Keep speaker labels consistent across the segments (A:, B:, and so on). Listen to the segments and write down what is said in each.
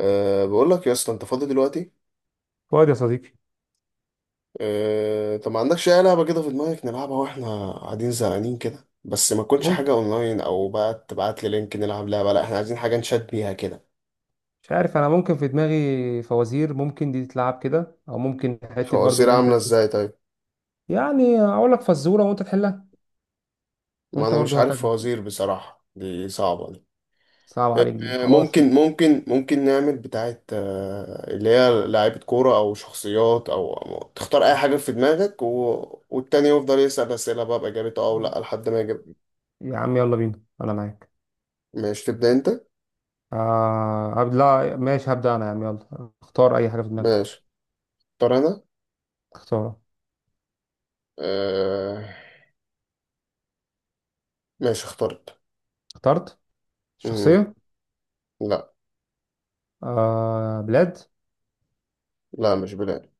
A: بقول لك يا اسطى انت فاضي دلوقتي؟
B: فؤاد يا صديقي.
A: طب ما عندكش اي لعبه كده في دماغك نلعبها واحنا قاعدين زهقانين كده، بس ما تكونش
B: ممكن.
A: حاجه اونلاين او بقى تبعت لي لينك نلعب لعبه، لا احنا عايزين حاجه نشات بيها كده.
B: مش عارف، انا ممكن في دماغي فوازير، ممكن دي تتلعب كده، او ممكن حته برضو
A: فوازير
B: اللي انت...
A: عامله ازاي طيب؟
B: اقول لك فزوره وانت تحلها،
A: ما
B: وانت
A: انا مش
B: برضو
A: عارف
B: هكذا.
A: فوازير بصراحه، دي صعبه دي.
B: صعب عليك دي؟ خلاص.
A: ممكن نعمل بتاعه، اللي هي لعيبه كوره او شخصيات او أو تختار اي حاجه في دماغك، والتاني يفضل يسال اسئله بقى باجابته اه او لا لحد ما يجيب.
B: يا عم يلا بينا، انا معاك.
A: ماشي تبدا انت.
B: آه لا ماشي، هبدا انا. يا عم يلا اختار اي حاجه في دماغك.
A: ماشي اختار انا.
B: اختار.
A: آه... ماشي اخترت.
B: اخترت
A: مم.
B: شخصيه؟
A: لا.
B: آه، بلاد؟
A: لا مش بلاد.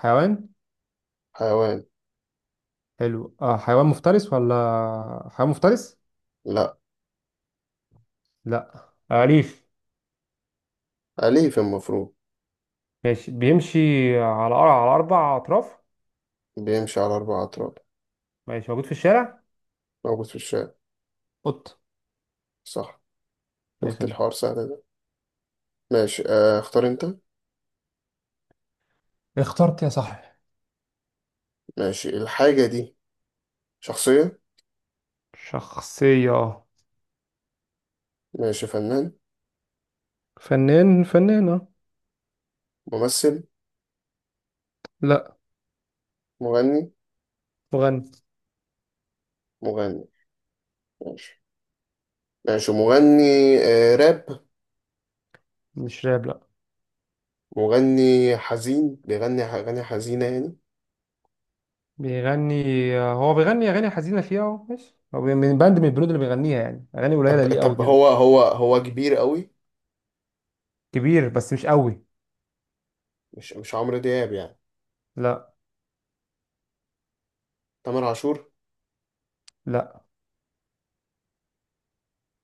B: حيوان؟
A: حيوان.
B: حلو. آه، حيوان مفترس ولا حيوان مفترس؟
A: لا،
B: لا. آه، أليف؟
A: أليف المفروض.
B: ماشي. بيمشي على على أربع أطراف؟
A: بيمشي على أربع أطراف.
B: ماشي. موجود في الشارع؟
A: موجود في الشارع.
B: قط.
A: صح.
B: يا
A: شفت
B: خدمة.
A: الحوار سهل ده. ماشي، اختار أنت.
B: اخترت يا صاحبي.
A: ماشي الحاجة دي شخصية.
B: شخصية؟
A: ماشي فنان.
B: فنان؟ فنانة؟
A: ممثل.
B: لا،
A: مغني.
B: مغني.
A: مغني. ماشي. ماشي مغني. آه راب.
B: مش راب، لا.
A: مغني حزين بيغني أغاني حزينة يعني.
B: بيغني. آه، هو بيغني أغاني حزينة فيها أهو. ماشي، هو من باند، من البنود اللي بيغنيها يعني، أغاني
A: طب
B: قليلة ليه أوي
A: طب
B: كده؟
A: هو كبير قوي.
B: كبير بس مش أوي.
A: مش عمرو دياب يعني.
B: لا،
A: تامر عاشور.
B: لا.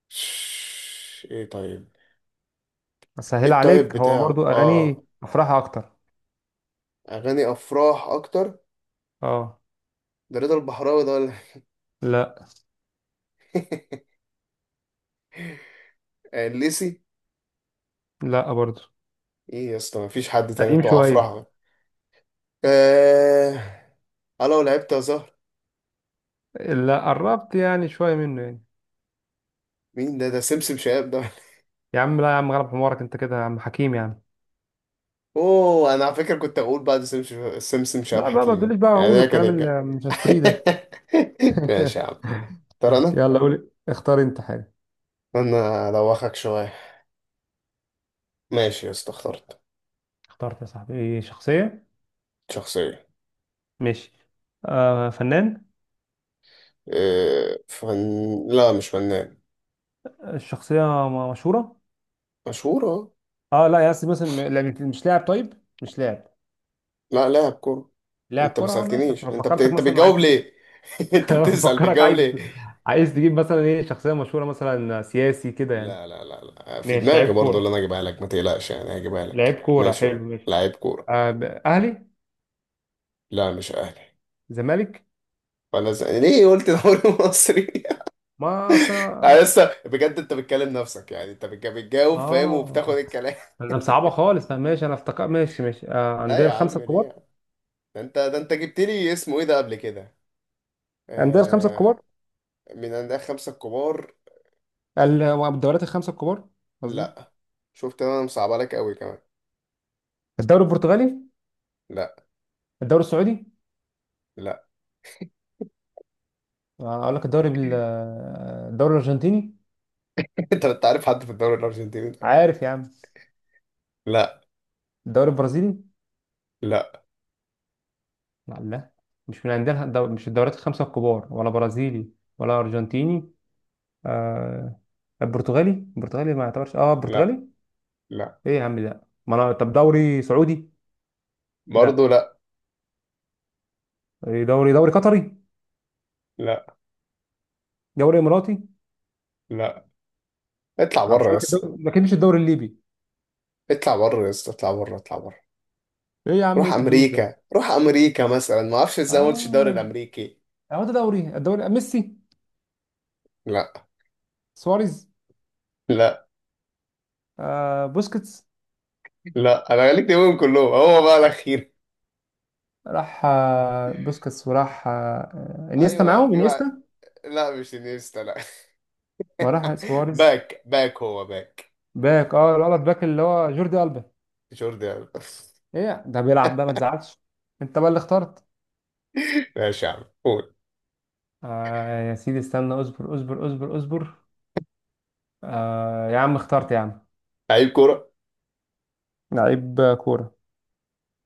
A: شش، ايه طيب. ايه
B: أسهل
A: الطيب
B: عليك، هو
A: بتاعه
B: برضو أغاني
A: اه.
B: أفراحها أكتر.
A: اغاني افراح اكتر.
B: أه.
A: ده رضا البحراوي ده ولا.
B: لا،
A: إيه؟ الليسي.
B: لا برضو.
A: ايه يا اسطى مفيش حد تاني
B: قديم
A: بتوع
B: شوية.
A: افراح. آه... انا لو لعبت يا زهر.
B: لا، قربت يعني شوية منه يعني.
A: مين ده؟ ده سمسم شهاب ده.
B: يا عم لا، يا عم غلب حمارك انت كده يا عم، حكيم يا عم.
A: اوه، انا على فكره كنت اقول بعد سمسم، شهاب
B: لا بقى ما تقوليش،
A: حكيم
B: بقى
A: يعني،
B: هقول
A: ده كان
B: والكلام
A: الجا.
B: اللي مش هشتريه ده.
A: ماشي يا عم. ترى انا.
B: يلا قول، اختار انت حاجة.
A: انا ادوخك شويه. ماشي يا اسطى اخترت.
B: اخترت يا صاحبي؟ ايه، شخصية؟
A: شخصيه.
B: ماشي. آه، فنان؟
A: آه، فن. لا مش فنان.
B: الشخصية مشهورة؟
A: مشهور اه.
B: اه. لا يا أسطى، مثلا لا، مش لاعب؟ طيب، مش لاعب.
A: لا لاعب كورة.
B: لاعب
A: انت ما
B: كرة، اه ماشي.
A: سألتنيش،
B: أنا فكرتك
A: انت
B: مثلا عايز
A: بتجاوب
B: تجيب.
A: ليه؟ انت
B: أنا
A: بتسأل
B: فكرك
A: بتجاوب
B: عايز.
A: ليه؟
B: عايز تجيب مثلا ايه، شخصية مشهورة مثلا، سياسي كده يعني؟
A: لا لا لا لا، في
B: ماشي،
A: دماغي
B: لعيب
A: برضه اللي
B: كورة.
A: انا اجيبها لك ما تقلقش يعني، هجيبها
B: لعيب
A: لك
B: كورة
A: ماشي
B: حلو.
A: اه
B: ماشي.
A: لعيب كورة.
B: آه أهلي؟
A: لا مش اهلي.
B: زمالك؟
A: ليه قلت دوري مصري؟
B: ما أصلا.
A: انا لسه بجد، انت بتكلم نفسك يعني، انت بتجاوب فاهم وبتاخد
B: اه،
A: الكلام.
B: ده مصعبه خالص. لا ماشي انا افتكر. ماشي. آه،
A: لا
B: عندنا
A: يا
B: الخمسه
A: عم ليه
B: الكبار.
A: يا عم؟ ده انت، ده انت جبت لي اسمه ايه ده قبل كده.
B: عندنا الخمسه
A: آه...
B: الكبار
A: من عند خمسة الكبار.
B: الدوريات الخمسه الكبار قصدي.
A: لا. شفت انا مصعبة لك قوي كمان.
B: الدوري البرتغالي؟
A: لا.
B: الدوري السعودي؟
A: لا.
B: آه، اقول لك الدوري بال، آه، الدوري الارجنتيني؟
A: انت انت عارف حد في الدوري الارجنتيني ده؟
B: عارف يا عم.
A: لا.
B: الدوري البرازيلي؟
A: لا.
B: لا، لا، مش من عندنا مش الدوريات الخمسه الكبار، ولا برازيلي ولا ارجنتيني. آه، البرتغالي. ما يعتبرش؟ اه،
A: لا
B: البرتغالي.
A: لا
B: ايه يا عم ده؟ ما انا، طب دوري سعودي.
A: برضه.
B: لا.
A: لا
B: إيه، دوري قطري؟
A: لا.
B: دوري اماراتي؟
A: لا. اطلع
B: انا مش
A: بره يا
B: هقول لك
A: اسطى،
B: الدوري ما كانش الدوري الليبي.
A: اطلع بره يا اسطى، اطلع بره اطلع بره.
B: ايه يا عم
A: روح
B: انت بتقول ده.
A: امريكا روح امريكا مثلا، ما اعرفش ازاي ما قلتش الدوري
B: اه،
A: الامريكي.
B: هو ده دوري، الدوري. ميسي؟
A: لا.
B: سواريز؟
A: لا.
B: آه، بوسكيتس.
A: لا، انا خليك تقولهم كلهم هو بقى الاخير.
B: راح بوسكيتس، وراح انيستا،
A: ايوه
B: معاهم
A: في واحد.
B: انيستا.
A: لا مش انيستا لا.
B: وراح سواريز.
A: باك باك هو باك.
B: باك، اه، الولد باك، اللي هو جوردي ألبا.
A: جوردي ألبا.
B: ايه ده بيلعب بقى، ما تزعلش. انت بقى اللي اخترت.
A: ماشي يا عم قول.
B: آه يا سيدي، استنى، اصبر اصبر اصبر اصبر. آه يا عم اخترت يا عم.
A: لعيب كوره.
B: لعيب كورة.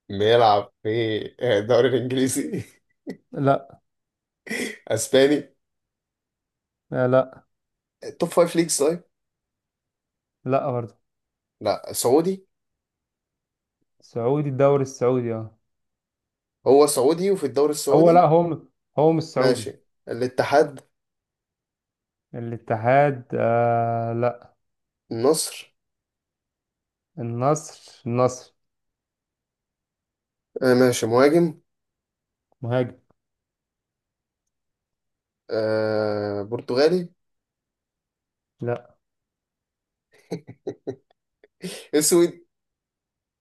A: بيلعب في الدوري الانجليزي.
B: لا.
A: اسباني.
B: آه لا.
A: توب فايف ليجز طيب.
B: لا برضه.
A: لا سعودي.
B: سعودي، الدوري السعودي اه.
A: هو سعودي وفي الدوري
B: هو لا،
A: السعودي.
B: هو هو مش سعودي.
A: ماشي الاتحاد.
B: الاتحاد؟ آه لا.
A: النصر.
B: النصر
A: آه ماشي مهاجم.
B: مهاجم.
A: آه برتغالي.
B: لا.
A: اسود.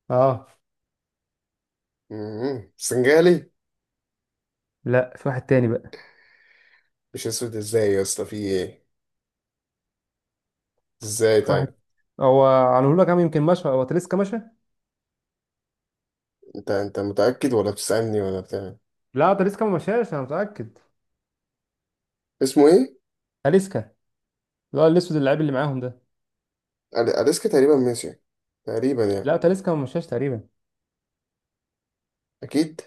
B: اه.
A: مم. سنغالي.
B: لا، في واحد تاني بقى.
A: مش اسود ازاي يا اسطى في ايه؟ ازاي
B: في
A: طيب؟
B: واحد. هو على لك عم، يمكن مشى، هو تاليسكا مشى.
A: انت متأكد ولا بتسألني ولا بتاع؟
B: لا تاليسكا ما مشاش، انا متأكد.
A: اسمه ايه؟
B: تاليسكا، اللي هو الاسود اللاعب اللي معاهم ده.
A: اليسكا تقريبا ماشي. تقريبا يعني.
B: لا تاليسكا ما مشاش تقريبا.
A: اكيد.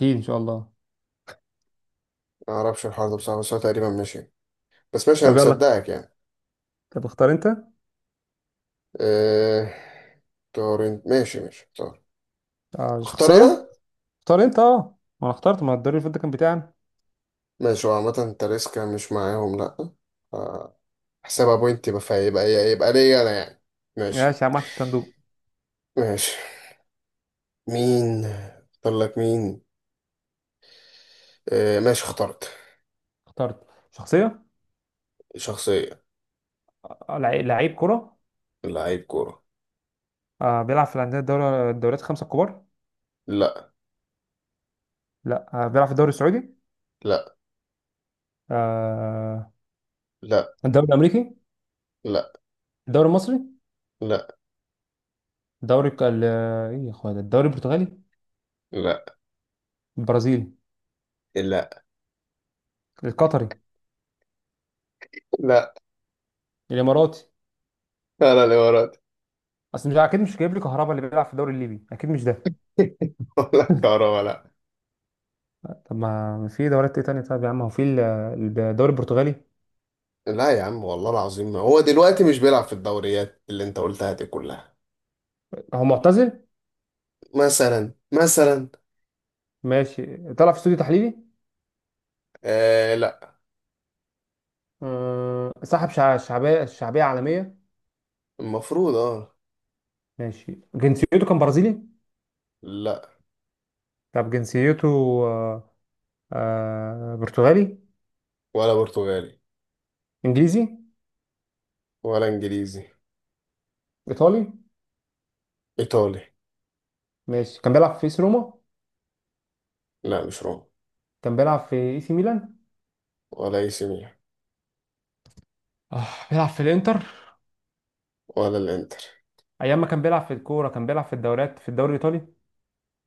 B: اكيد ان شاء الله.
A: ما اعرفش الحوار ده بصراحة، بس هو تقريبا ماشي. بس ماشي انا
B: طب يلا.
A: مصدقك يعني.
B: طب اختار انت.
A: آه... طار ماشي ماشي طار.
B: آه،
A: اختار
B: شخصية؟
A: انا.
B: اختار انت اه. ما انا اخترت، ما الدوري اللي فات ده كان بتاعنا.
A: ماشي، هو عامة انت ريسكا مش معاهم، لا. آه، حسابها بوينت، يبقى فيبقى يبقى يبقى ليا انا يعني. ماشي.
B: ماشي يا عم في الصندوق.
A: ماشي مين؟ اختار لك مين. آه ماشي اخترت.
B: اخترت شخصية.
A: شخصية.
B: آه، لعيب كرة.
A: لعيب كورة.
B: آه، بيلعب في الأندية الدوري، الدوريات الخمسة الكبار؟
A: لا.
B: لا. آه، بيلعب في الدوري السعودي؟
A: لا.
B: آه.
A: لا.
B: الدوري الأمريكي؟
A: لا.
B: الدوري المصري؟
A: لا.
B: الدوري إيه يا أخويا ده؟ الدوري البرتغالي؟
A: لا.
B: البرازيلي؟
A: لا.
B: القطري؟
A: لا.
B: الإماراتي؟
A: انا اللي ورات.
B: أصل مش أكيد، مش جايب لي كهربا اللي بيلعب في الدوري الليبي. أكيد مش ده.
A: ولا كهربا لا.
B: طب ما في دوريات إيه تانية طيب يا عم؟ هو في الدوري البرتغالي؟
A: لا يا عم والله العظيم، ما هو دلوقتي مش بيلعب في الدوريات اللي انت قلتها دي كلها.
B: هو معتزل؟
A: مثلا مثلا.
B: ماشي، طلع في استوديو تحليلي؟
A: آه لا.
B: آه، صاحب شعبية، عالمية؟
A: المفروض اه.
B: ماشي. جنسيته كان برازيلي؟
A: لا.
B: طب جنسيته آه، آه برتغالي؟
A: ولا برتغالي.
B: انجليزي؟
A: ولا انجليزي.
B: ايطالي.
A: ايطالي.
B: ماشي كان بيلعب في اس روما؟
A: لا مش روما.
B: كان بيلعب في اي سي ميلان؟
A: ولا اي سي ميلان.
B: آه، بيلعب في الانتر؟
A: ولا الانتر.
B: ايام ما كان بيلعب في الكوره، كان بيلعب في الدوريات، في الدوري الايطالي.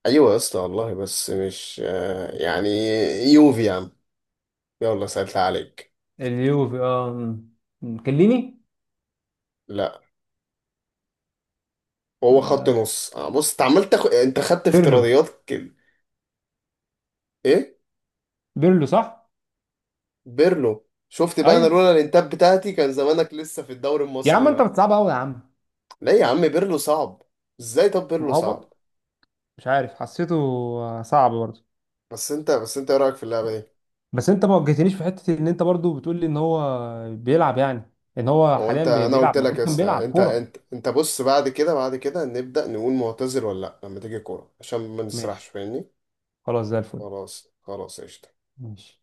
A: ايوه يا اسطى والله، بس مش يعني. يوفي يا عم. يلا سألت عليك.
B: اليوفي اه. م. م. كليني؟
A: لا. هو خط
B: آه،
A: نص. آه بص، انت عمال تاخد، انت خدت
B: بيرلو.
A: افتراضيات كده. ايه؟
B: بيرلو صح.
A: بيرلو. شفت بقى، انا
B: ايوه
A: لولا الانتاب بتاعتي كان زمانك لسه في الدوري
B: يا عم،
A: المصري.
B: انت
A: لا.
B: بتصعب قوي يا عم.
A: لا يا عم بيرلو صعب. ازاي طب بيرلو
B: ما هو برضه
A: صعب؟
B: مش عارف، حسيته آه، صعب برضه.
A: بس انت ايه رايك في اللعبه دي؟
B: بس انت ما وجهتنيش في حته ان انت برضه بتقول لي ان هو بيلعب يعني، ان هو
A: او
B: حاليا
A: انت، انا
B: بيلعب،
A: قلت لك يا
B: المفروض كان
A: اسطى،
B: بيلعب كوره.
A: انت بص، بعد كده بعد كده نبدا نقول معتذر ولا لا لما تيجي الكوره عشان ما نسرحش
B: ماشي،
A: فاهمني.
B: خلاص زي الفل.
A: خلاص خلاص قشطه.
B: ماشي.